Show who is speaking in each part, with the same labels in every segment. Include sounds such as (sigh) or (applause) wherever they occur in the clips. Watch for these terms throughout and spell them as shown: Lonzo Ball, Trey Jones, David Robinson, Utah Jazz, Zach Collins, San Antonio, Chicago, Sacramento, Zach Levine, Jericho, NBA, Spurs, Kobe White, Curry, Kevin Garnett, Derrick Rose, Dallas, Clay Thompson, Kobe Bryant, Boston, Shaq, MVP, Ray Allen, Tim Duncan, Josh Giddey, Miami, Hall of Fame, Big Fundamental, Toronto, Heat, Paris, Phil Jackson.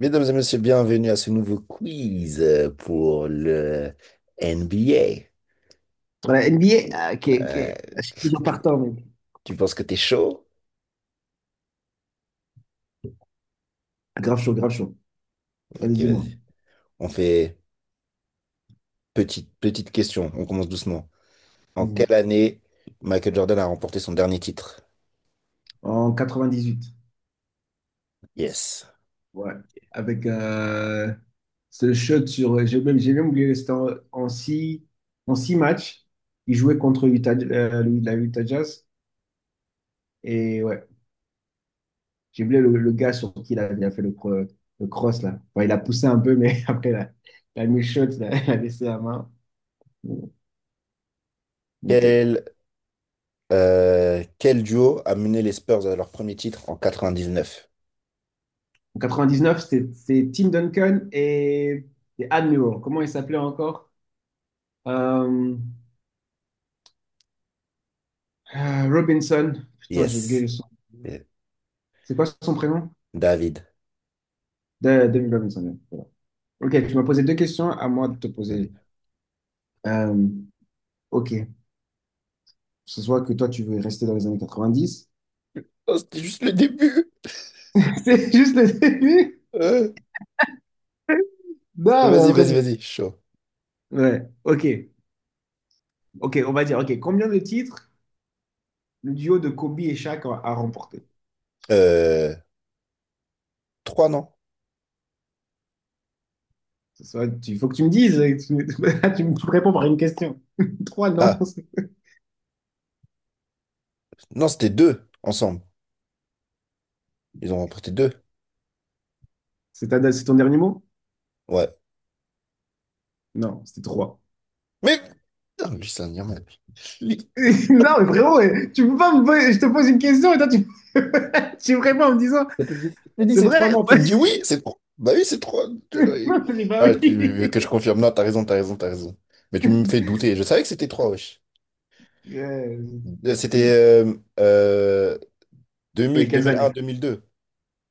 Speaker 1: Mesdames et messieurs, bienvenue à ce nouveau quiz pour le NBA.
Speaker 2: Voilà, NBA, ah, ok, ok.
Speaker 1: Euh,
Speaker 2: Ah, je suis
Speaker 1: est-ce que
Speaker 2: toujours
Speaker 1: tu,
Speaker 2: partant, mec.
Speaker 1: tu penses que t'es chaud?
Speaker 2: Ah, grave chaud, grave chaud. Allez,
Speaker 1: Ok,
Speaker 2: dis-moi.
Speaker 1: vas-y. On fait petite question. On commence doucement. En
Speaker 2: Mhm.
Speaker 1: quelle année Michael Jordan a remporté son dernier titre?
Speaker 2: En 98.
Speaker 1: Yes.
Speaker 2: Ouais. Avec ce shot sur. J'ai même oublié, c'était en en six matchs. Il jouait contre Utah, la Utah Jazz. Et ouais, j'ai oublié le gars sur qui il a fait le cross, là. Enfin, il a poussé un peu, mais (laughs) après, il a mis le shot, il a laissé la main. Bon. Ok.
Speaker 1: Quel, quel duo a mené les Spurs à leur premier titre en 99?
Speaker 2: En 99, c'est Tim Duncan et Admiral. Comment il s'appelait encore? Euh, Robinson. Putain, j'ai oublié le
Speaker 1: Yes.
Speaker 2: son.
Speaker 1: Eh,
Speaker 2: C'est quoi son prénom?
Speaker 1: David.
Speaker 2: David Robinson. Ouais, voilà. Ok, tu m'as posé deux questions, à moi de te poser.
Speaker 1: Vas-y.
Speaker 2: Euh, ok, ce soit que toi, tu veux rester dans les années 90.
Speaker 1: Oh, c'était juste le début.
Speaker 2: (laughs) C'est juste le début?
Speaker 1: Euh,
Speaker 2: Non, mais
Speaker 1: Vas-y, vas-y,
Speaker 2: après,
Speaker 1: vas-y. Chaud.
Speaker 2: ouais, ok. Ok, on va dire, ok, combien de titres le duo de Kobe et Shaq a remporté?
Speaker 1: Euh, trois, non?
Speaker 2: Il faut que tu me dises. (laughs) Tu me réponds par une question. (laughs) Trois, non.
Speaker 1: Ah, non, c'était deux ensemble. Ils ont remporté deux.
Speaker 2: C'est ton dernier mot?
Speaker 1: Ouais.
Speaker 2: Non, c'était trois.
Speaker 1: Mais putain, lui, c'est un Irlandais. Lui,
Speaker 2: (laughs) Non, mais frérot, eh, tu peux pas me poser- Je te pose une question et toi, tu, (laughs) tu me réponds en me disant,
Speaker 1: quand tu me dis,
Speaker 2: c'est
Speaker 1: c'est
Speaker 2: vrai?
Speaker 1: trois, non, tu
Speaker 2: (laughs)
Speaker 1: me dis oui, c'est trois. Bah oui, c'est trois. T'es là, et-
Speaker 2: Non, t'as dit pas
Speaker 1: Ah, tu veux
Speaker 2: oui.
Speaker 1: que je
Speaker 2: (laughs)
Speaker 1: confirme? Non, t'as raison, t'as raison, t'as raison. Mais tu me fais douter. Je savais que c'était trois, wesh.
Speaker 2: Euh,
Speaker 1: C'était
Speaker 2: c'est-
Speaker 1: euh,
Speaker 2: ouais,
Speaker 1: 2000,
Speaker 2: quelles
Speaker 1: 2001,
Speaker 2: années?
Speaker 1: 2002.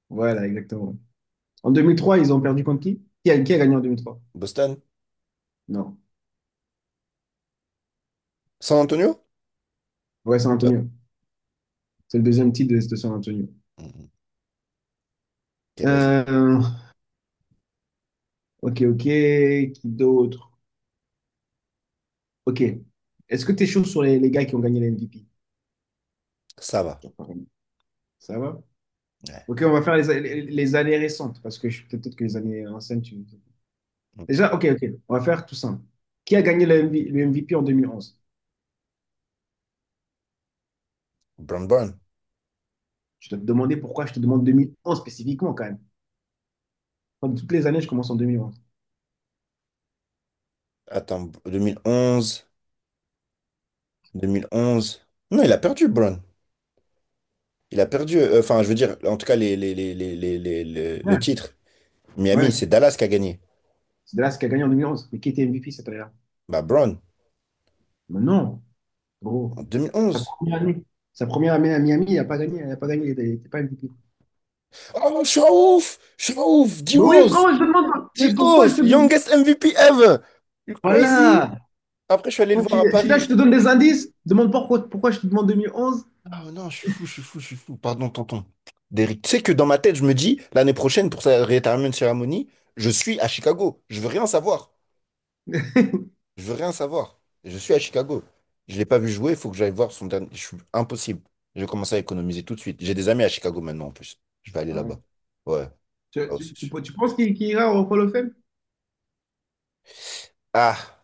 Speaker 2: Voilà, exactement. En 2003 ils ont perdu contre qui? Qui a gagné en 2003.
Speaker 1: Boston.
Speaker 2: Non.
Speaker 1: San Antonio?
Speaker 2: Ouais, San
Speaker 1: Euh,
Speaker 2: Antonio. C'est le deuxième titre de San Antonio.
Speaker 1: mm, ok, vas-y.
Speaker 2: Euh, ok, ok. Qui d'autre? Ok. Est-ce que tu es chaud sur les gars qui ont gagné la MVP?
Speaker 1: Ça va.
Speaker 2: Par exemple. Ça va?
Speaker 1: Ouais.
Speaker 2: Ok, on va faire les années récentes, parce que peut-être que les années anciennes, tu...
Speaker 1: Mm.
Speaker 2: Déjà, ok, ok, on va faire tout simple. Qui a gagné MV le MVP en 2011?
Speaker 1: Brown.
Speaker 2: Je dois te demander pourquoi je te demande 2011 spécifiquement, quand même. Enfin, toutes les années, je commence en 2011.
Speaker 1: Attends, 2011. 2011. Non, il a perdu, Brown. Il a perdu, enfin, je veux dire, en tout cas, le
Speaker 2: Ouais,
Speaker 1: titre. Miami, c'est
Speaker 2: ouais.
Speaker 1: Dallas qui a gagné.
Speaker 2: C'est de là ce qui a gagné en 2011. Mais qui était MVP cette année-là?
Speaker 1: Bah, Brown,
Speaker 2: Mais non, gros.
Speaker 1: en deux mille
Speaker 2: Sa
Speaker 1: onze.
Speaker 2: première année, sa première année à Miami, il n'a pas gagné, il n'a pas gagné, il n'était pas MVP.
Speaker 1: Oh, je suis un ouf! Je suis un ouf!
Speaker 2: Mais oui,
Speaker 1: D-Rose!
Speaker 2: frérot, je te demande, mais pourquoi je
Speaker 1: D-Rose!
Speaker 2: te demande?
Speaker 1: Youngest MVP ever! You crazy?
Speaker 2: Voilà!
Speaker 1: Après, je suis allé le
Speaker 2: Moi,
Speaker 1: voir à
Speaker 2: je suis là, je
Speaker 1: Paris.
Speaker 2: te donne
Speaker 1: T'es
Speaker 2: des
Speaker 1: fou!
Speaker 2: indices. Demande pas pourquoi je te demande 2011.
Speaker 1: Ah non, je suis fou, je suis fou, je suis fou. Pardon, tonton. Derrick, tu sais que dans ma tête, je me dis, l'année prochaine, pour sa retirement ceremony, je suis à Chicago. Je veux rien savoir. Je veux rien savoir. Je suis à Chicago. Je l'ai pas vu jouer, il faut que j'aille voir son dernier. Je suis impossible. Je vais commencer à économiser tout de suite. J'ai des amis à Chicago maintenant en plus. Je vais aller là-bas.
Speaker 2: Ouais. (laughs)
Speaker 1: Ouais.
Speaker 2: Tu,
Speaker 1: Ah ouais,
Speaker 2: tu-
Speaker 1: c'est sûr.
Speaker 2: tu- tu penses qu'il ira au Hall of Fame?
Speaker 1: Ah,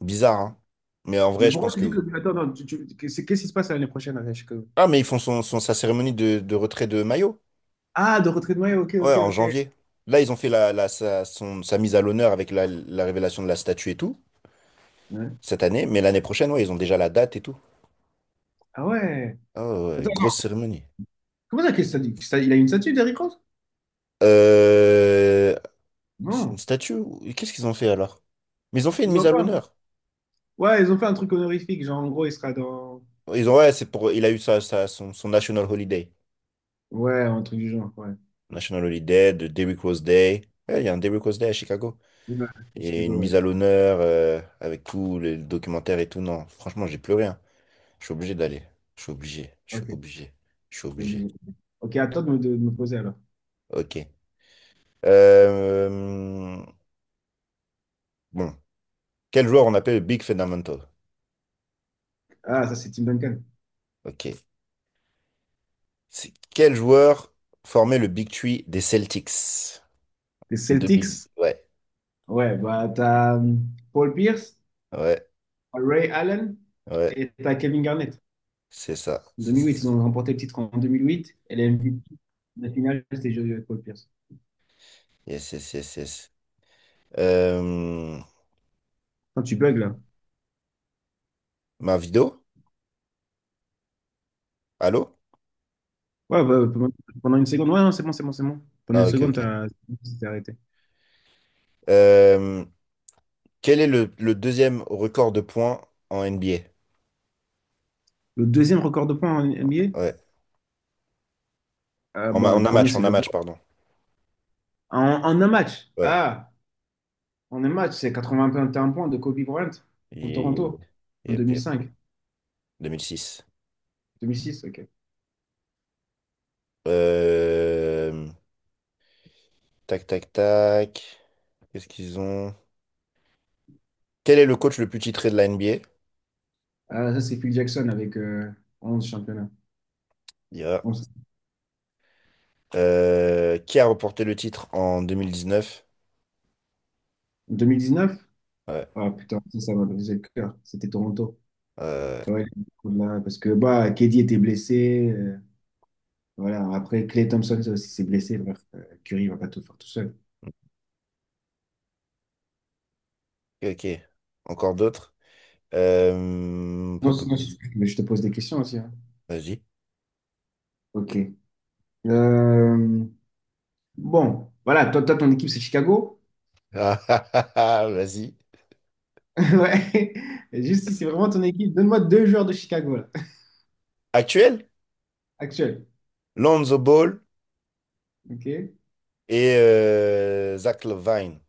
Speaker 1: bizarre, hein. Mais en
Speaker 2: Mais
Speaker 1: vrai, je
Speaker 2: pourquoi
Speaker 1: pense
Speaker 2: tu
Speaker 1: que
Speaker 2: dis que...
Speaker 1: oui.
Speaker 2: Attends, attends, qu'est-ce qui se passe l'année prochaine avec Chicago?
Speaker 1: Ah, mais ils font sa cérémonie de retrait de maillot.
Speaker 2: Ah, de retrait de maillot, ok,
Speaker 1: Ouais,
Speaker 2: ok,
Speaker 1: en
Speaker 2: ok.
Speaker 1: janvier. Là, ils ont fait sa mise à l'honneur avec la révélation de la statue et tout,
Speaker 2: Ouais.
Speaker 1: cette année. Mais l'année prochaine, ouais, ils ont déjà la date et tout.
Speaker 2: Ah ouais.
Speaker 1: Ah ouais,
Speaker 2: Attends,
Speaker 1: grosse
Speaker 2: attends,
Speaker 1: cérémonie.
Speaker 2: comment ça, qu'est-ce que ça dit? Il a une statue, Derrick Rose?
Speaker 1: Euh, C'est une
Speaker 2: Non.
Speaker 1: statue? Ou- qu'est-ce qu'ils ont fait alors? Mais ils ont fait une
Speaker 2: Ils
Speaker 1: mise
Speaker 2: ont
Speaker 1: à
Speaker 2: fait un...
Speaker 1: l'honneur.
Speaker 2: Ouais, ils ont fait un truc honorifique, genre en gros, il sera dans...
Speaker 1: Ils ont, ouais, c'est pour, il a eu son National Holiday.
Speaker 2: Ouais, un truc du genre, ouais.
Speaker 1: National Holiday, de Derrick Rose Day. Ouais, il y a un Derrick Rose Day à Chicago.
Speaker 2: Ouais, à
Speaker 1: Et
Speaker 2: Chicago,
Speaker 1: une
Speaker 2: ouais.
Speaker 1: mise à l'honneur avec tout le documentaire et tout. Non, franchement, j'ai plus rien. Je suis obligé d'aller. Je suis obligé. Je suis
Speaker 2: Ok,
Speaker 1: obligé. Je suis
Speaker 2: c'est
Speaker 1: obligé.
Speaker 2: obligé. Ok, à toi de de me poser alors.
Speaker 1: Ok. Euh, bon. Quel joueur on appelle le Big Fundamental?
Speaker 2: Ah, ça c'est Tim Duncan.
Speaker 1: Ok. C'est- quel joueur formait le Big Tree des Celtics?
Speaker 2: Les
Speaker 1: 2008.
Speaker 2: Celtics.
Speaker 1: Ouais.
Speaker 2: Ouais, bah, t'as Paul Pierce,
Speaker 1: Ouais,
Speaker 2: Ray Allen
Speaker 1: ouais,
Speaker 2: et t'as Kevin Garnett.
Speaker 1: c'est ça,
Speaker 2: En deux
Speaker 1: c'est
Speaker 2: mille
Speaker 1: ça,
Speaker 2: huit,
Speaker 1: c'est
Speaker 2: ils
Speaker 1: ça.
Speaker 2: ont remporté le titre en 2008 et les MVP de la finale, c'était joué Paul Pierce.
Speaker 1: Yes, yes, yes, yes. Euh,
Speaker 2: Quand tu bugs là.
Speaker 1: ma vidéo? Allô?
Speaker 2: Ouais, bah, pendant une seconde. Ouais, non, c'est bon, c'est bon, c'est bon. Pendant une
Speaker 1: Ah, ok,
Speaker 2: seconde,
Speaker 1: ok.
Speaker 2: t'es arrêté.
Speaker 1: Euh, quel est le deuxième record de points en NBA?
Speaker 2: Le deuxième record de points en NBA,
Speaker 1: Ouais,
Speaker 2: bah, le premier, c'est
Speaker 1: en un
Speaker 2: LeBron.
Speaker 1: match, pardon.
Speaker 2: En un match.
Speaker 1: Ouais.
Speaker 2: Ah, en un match, c'est 81 points de Kobe Bryant contre Toronto
Speaker 1: Yep,
Speaker 2: en
Speaker 1: yep,
Speaker 2: deux mille
Speaker 1: yep.
Speaker 2: cinq,
Speaker 1: 2006.
Speaker 2: 2006. Ok.
Speaker 1: Euh, tac, tac, tac. Qu'est-ce qu'ils ont? Quel est le coach le plus titré de la NBA?
Speaker 2: Ah, ça, c'est Phil Jackson avec 11 championnats.
Speaker 1: Yeah. Qui a remporté le titre en 2019?
Speaker 2: 2019?
Speaker 1: Ouais.
Speaker 2: Ah putain, ça m'a brisé le cœur. C'était Toronto.
Speaker 1: Euh,
Speaker 2: Ouais, là, parce que bah, KD était blessé. Voilà. Après, Clay Thompson ça aussi s'est blessé. Bref, Curry va pas tout faire tout seul.
Speaker 1: ok, ok. Encore d'autres?
Speaker 2: Non,
Speaker 1: Pop,
Speaker 2: c'est-
Speaker 1: pop,
Speaker 2: non, c'est- Mais je te pose des questions aussi, hein.
Speaker 1: vas-y. (laughs)
Speaker 2: Ok. Euh, bon, voilà. Toi, toi, ton équipe, c'est Chicago.
Speaker 1: Ah, ah, ah, ah, vas-y.
Speaker 2: (laughs) Ouais. Juste si c'est vraiment ton équipe, donne-moi deux joueurs de Chicago, là.
Speaker 1: Actuel?
Speaker 2: Actuels.
Speaker 1: Lonzo Ball
Speaker 2: Ok.
Speaker 1: et Zach Levine.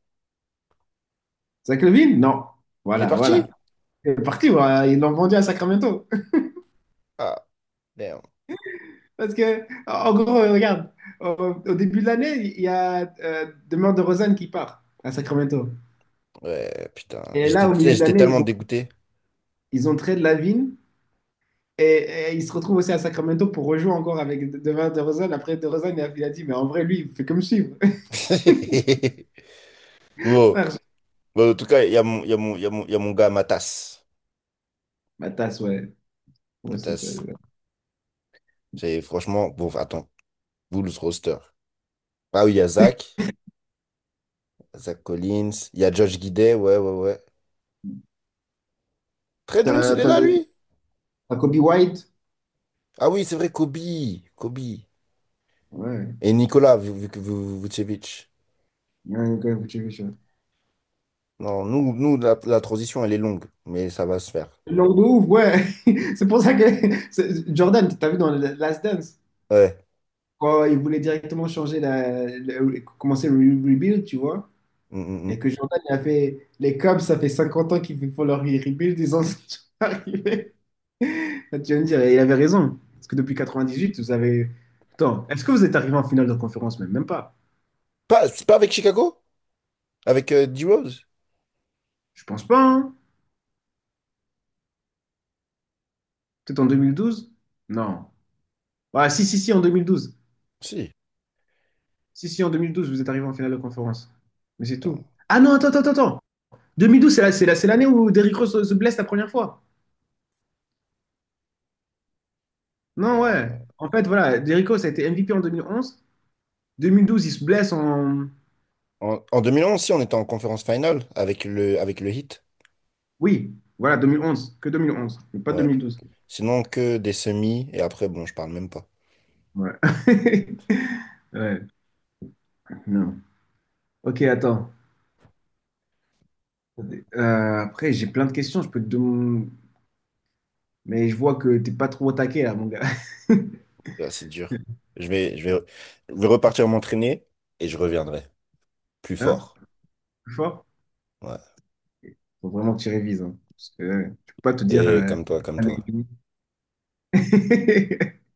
Speaker 2: Zach Levine? Non.
Speaker 1: Il est
Speaker 2: Voilà,
Speaker 1: parti?
Speaker 2: voilà. C'est parti, voilà. Ils l'ont vendu à Sacramento.
Speaker 1: Ah, merde.
Speaker 2: Parce que, en gros, regarde, au, au début de l'année, il y a Demar DeRozan qui part à Sacramento.
Speaker 1: Ouais, putain.
Speaker 2: Et là,
Speaker 1: J'étais
Speaker 2: au
Speaker 1: tu sais,
Speaker 2: milieu de
Speaker 1: j'étais
Speaker 2: l'année,
Speaker 1: tellement dégoûté.
Speaker 2: ils ont trade Lavine et, et ils se retrouvent aussi à Sacramento pour rejouer encore avec Demar DeRozan. Après, DeRozan, il a dit, mais en vrai, lui, il fait comme suivre.
Speaker 1: (laughs)
Speaker 2: (laughs)
Speaker 1: Bon,
Speaker 2: Frère,
Speaker 1: bon, en tout cas, il y a mon, il y a mon, il y a mon, il y a mon gars Matas.
Speaker 2: ma tasse, ouais. Ouais, ça
Speaker 1: Matas,
Speaker 2: ouais.
Speaker 1: c'est franchement, bon, attends, Bulls roster. Ah oui, il y a Zach, Zach Collins, il y a Josh Giddey, ouais, ouais, ouais. Trey Jones,
Speaker 2: T'as
Speaker 1: il est
Speaker 2: t'as
Speaker 1: là,
Speaker 2: le-
Speaker 1: lui?
Speaker 2: T'as Kobe White?
Speaker 1: Ah oui, c'est vrai, Kobe, Kobe.
Speaker 2: Ouais.
Speaker 1: Et Nicolas Vucevic.
Speaker 2: Ouais, ok, faut checker ça.
Speaker 1: Non, nous, la, transition, elle est longue, mais ça va se faire.
Speaker 2: Langue de ouf, ouais. (laughs) C'est pour ça que Jordan, t'as vu dans le Last Dance?
Speaker 1: Ouais.
Speaker 2: Quand ils voulaient directement changer commencer rebuild, tu vois,
Speaker 1: Mm, mm,
Speaker 2: et
Speaker 1: mm.
Speaker 2: que Jordan il a fait les Cubs, ça fait 50 ans qu'ils font leur rebuild, ils en sont (laughs) arrivés. Là, tu vas me dire, et il avait raison, parce que depuis 98, vous avez. Attends, est-ce que vous êtes arrivé en finale de conférence? Même, même pas.
Speaker 1: Pas, c'est pas avec Chicago? Avec D-Rose?
Speaker 2: Je pense pas, hein. Peut-être en 2012? Non. Ah, si, si, si, en 2012.
Speaker 1: Si.
Speaker 2: Si, si, en 2012, vous êtes arrivé en finale de conférence. Mais c'est
Speaker 1: Non.
Speaker 2: tout. Ah non, attends, attends, attends, attends. 2012, c'est c'est l'année où Derrick Rose se blesse la première fois. Non, ouais.
Speaker 1: Euh,
Speaker 2: En fait, voilà, Jericho, ça a été MVP en 2011. 2012, il se blesse en...
Speaker 1: en 2011 si, on était en conférence finale avec avec le Heat.
Speaker 2: Oui, voilà, 2011. Que 2011, mais pas
Speaker 1: Ouais.
Speaker 2: 2012.
Speaker 1: Sinon, que des semis, et après, bon, je parle même pas.
Speaker 2: Ouais. (laughs) Ouais, non. Ok, attends. Après, j'ai plein de questions. Je peux te demander... Mais je vois que t'es pas trop au taquet, là, mon gars. (laughs)
Speaker 1: Là, c'est dur. Je vais, je vais, je vais repartir m'entraîner, et je reviendrai plus
Speaker 2: Hein?
Speaker 1: fort.
Speaker 2: Plus fort?
Speaker 1: Ouais.
Speaker 2: Faut vraiment que tu révises, hein. Parce que je peux pas te dire...
Speaker 1: Et comme toi, comme
Speaker 2: Ah, mais-
Speaker 1: toi.
Speaker 2: (laughs)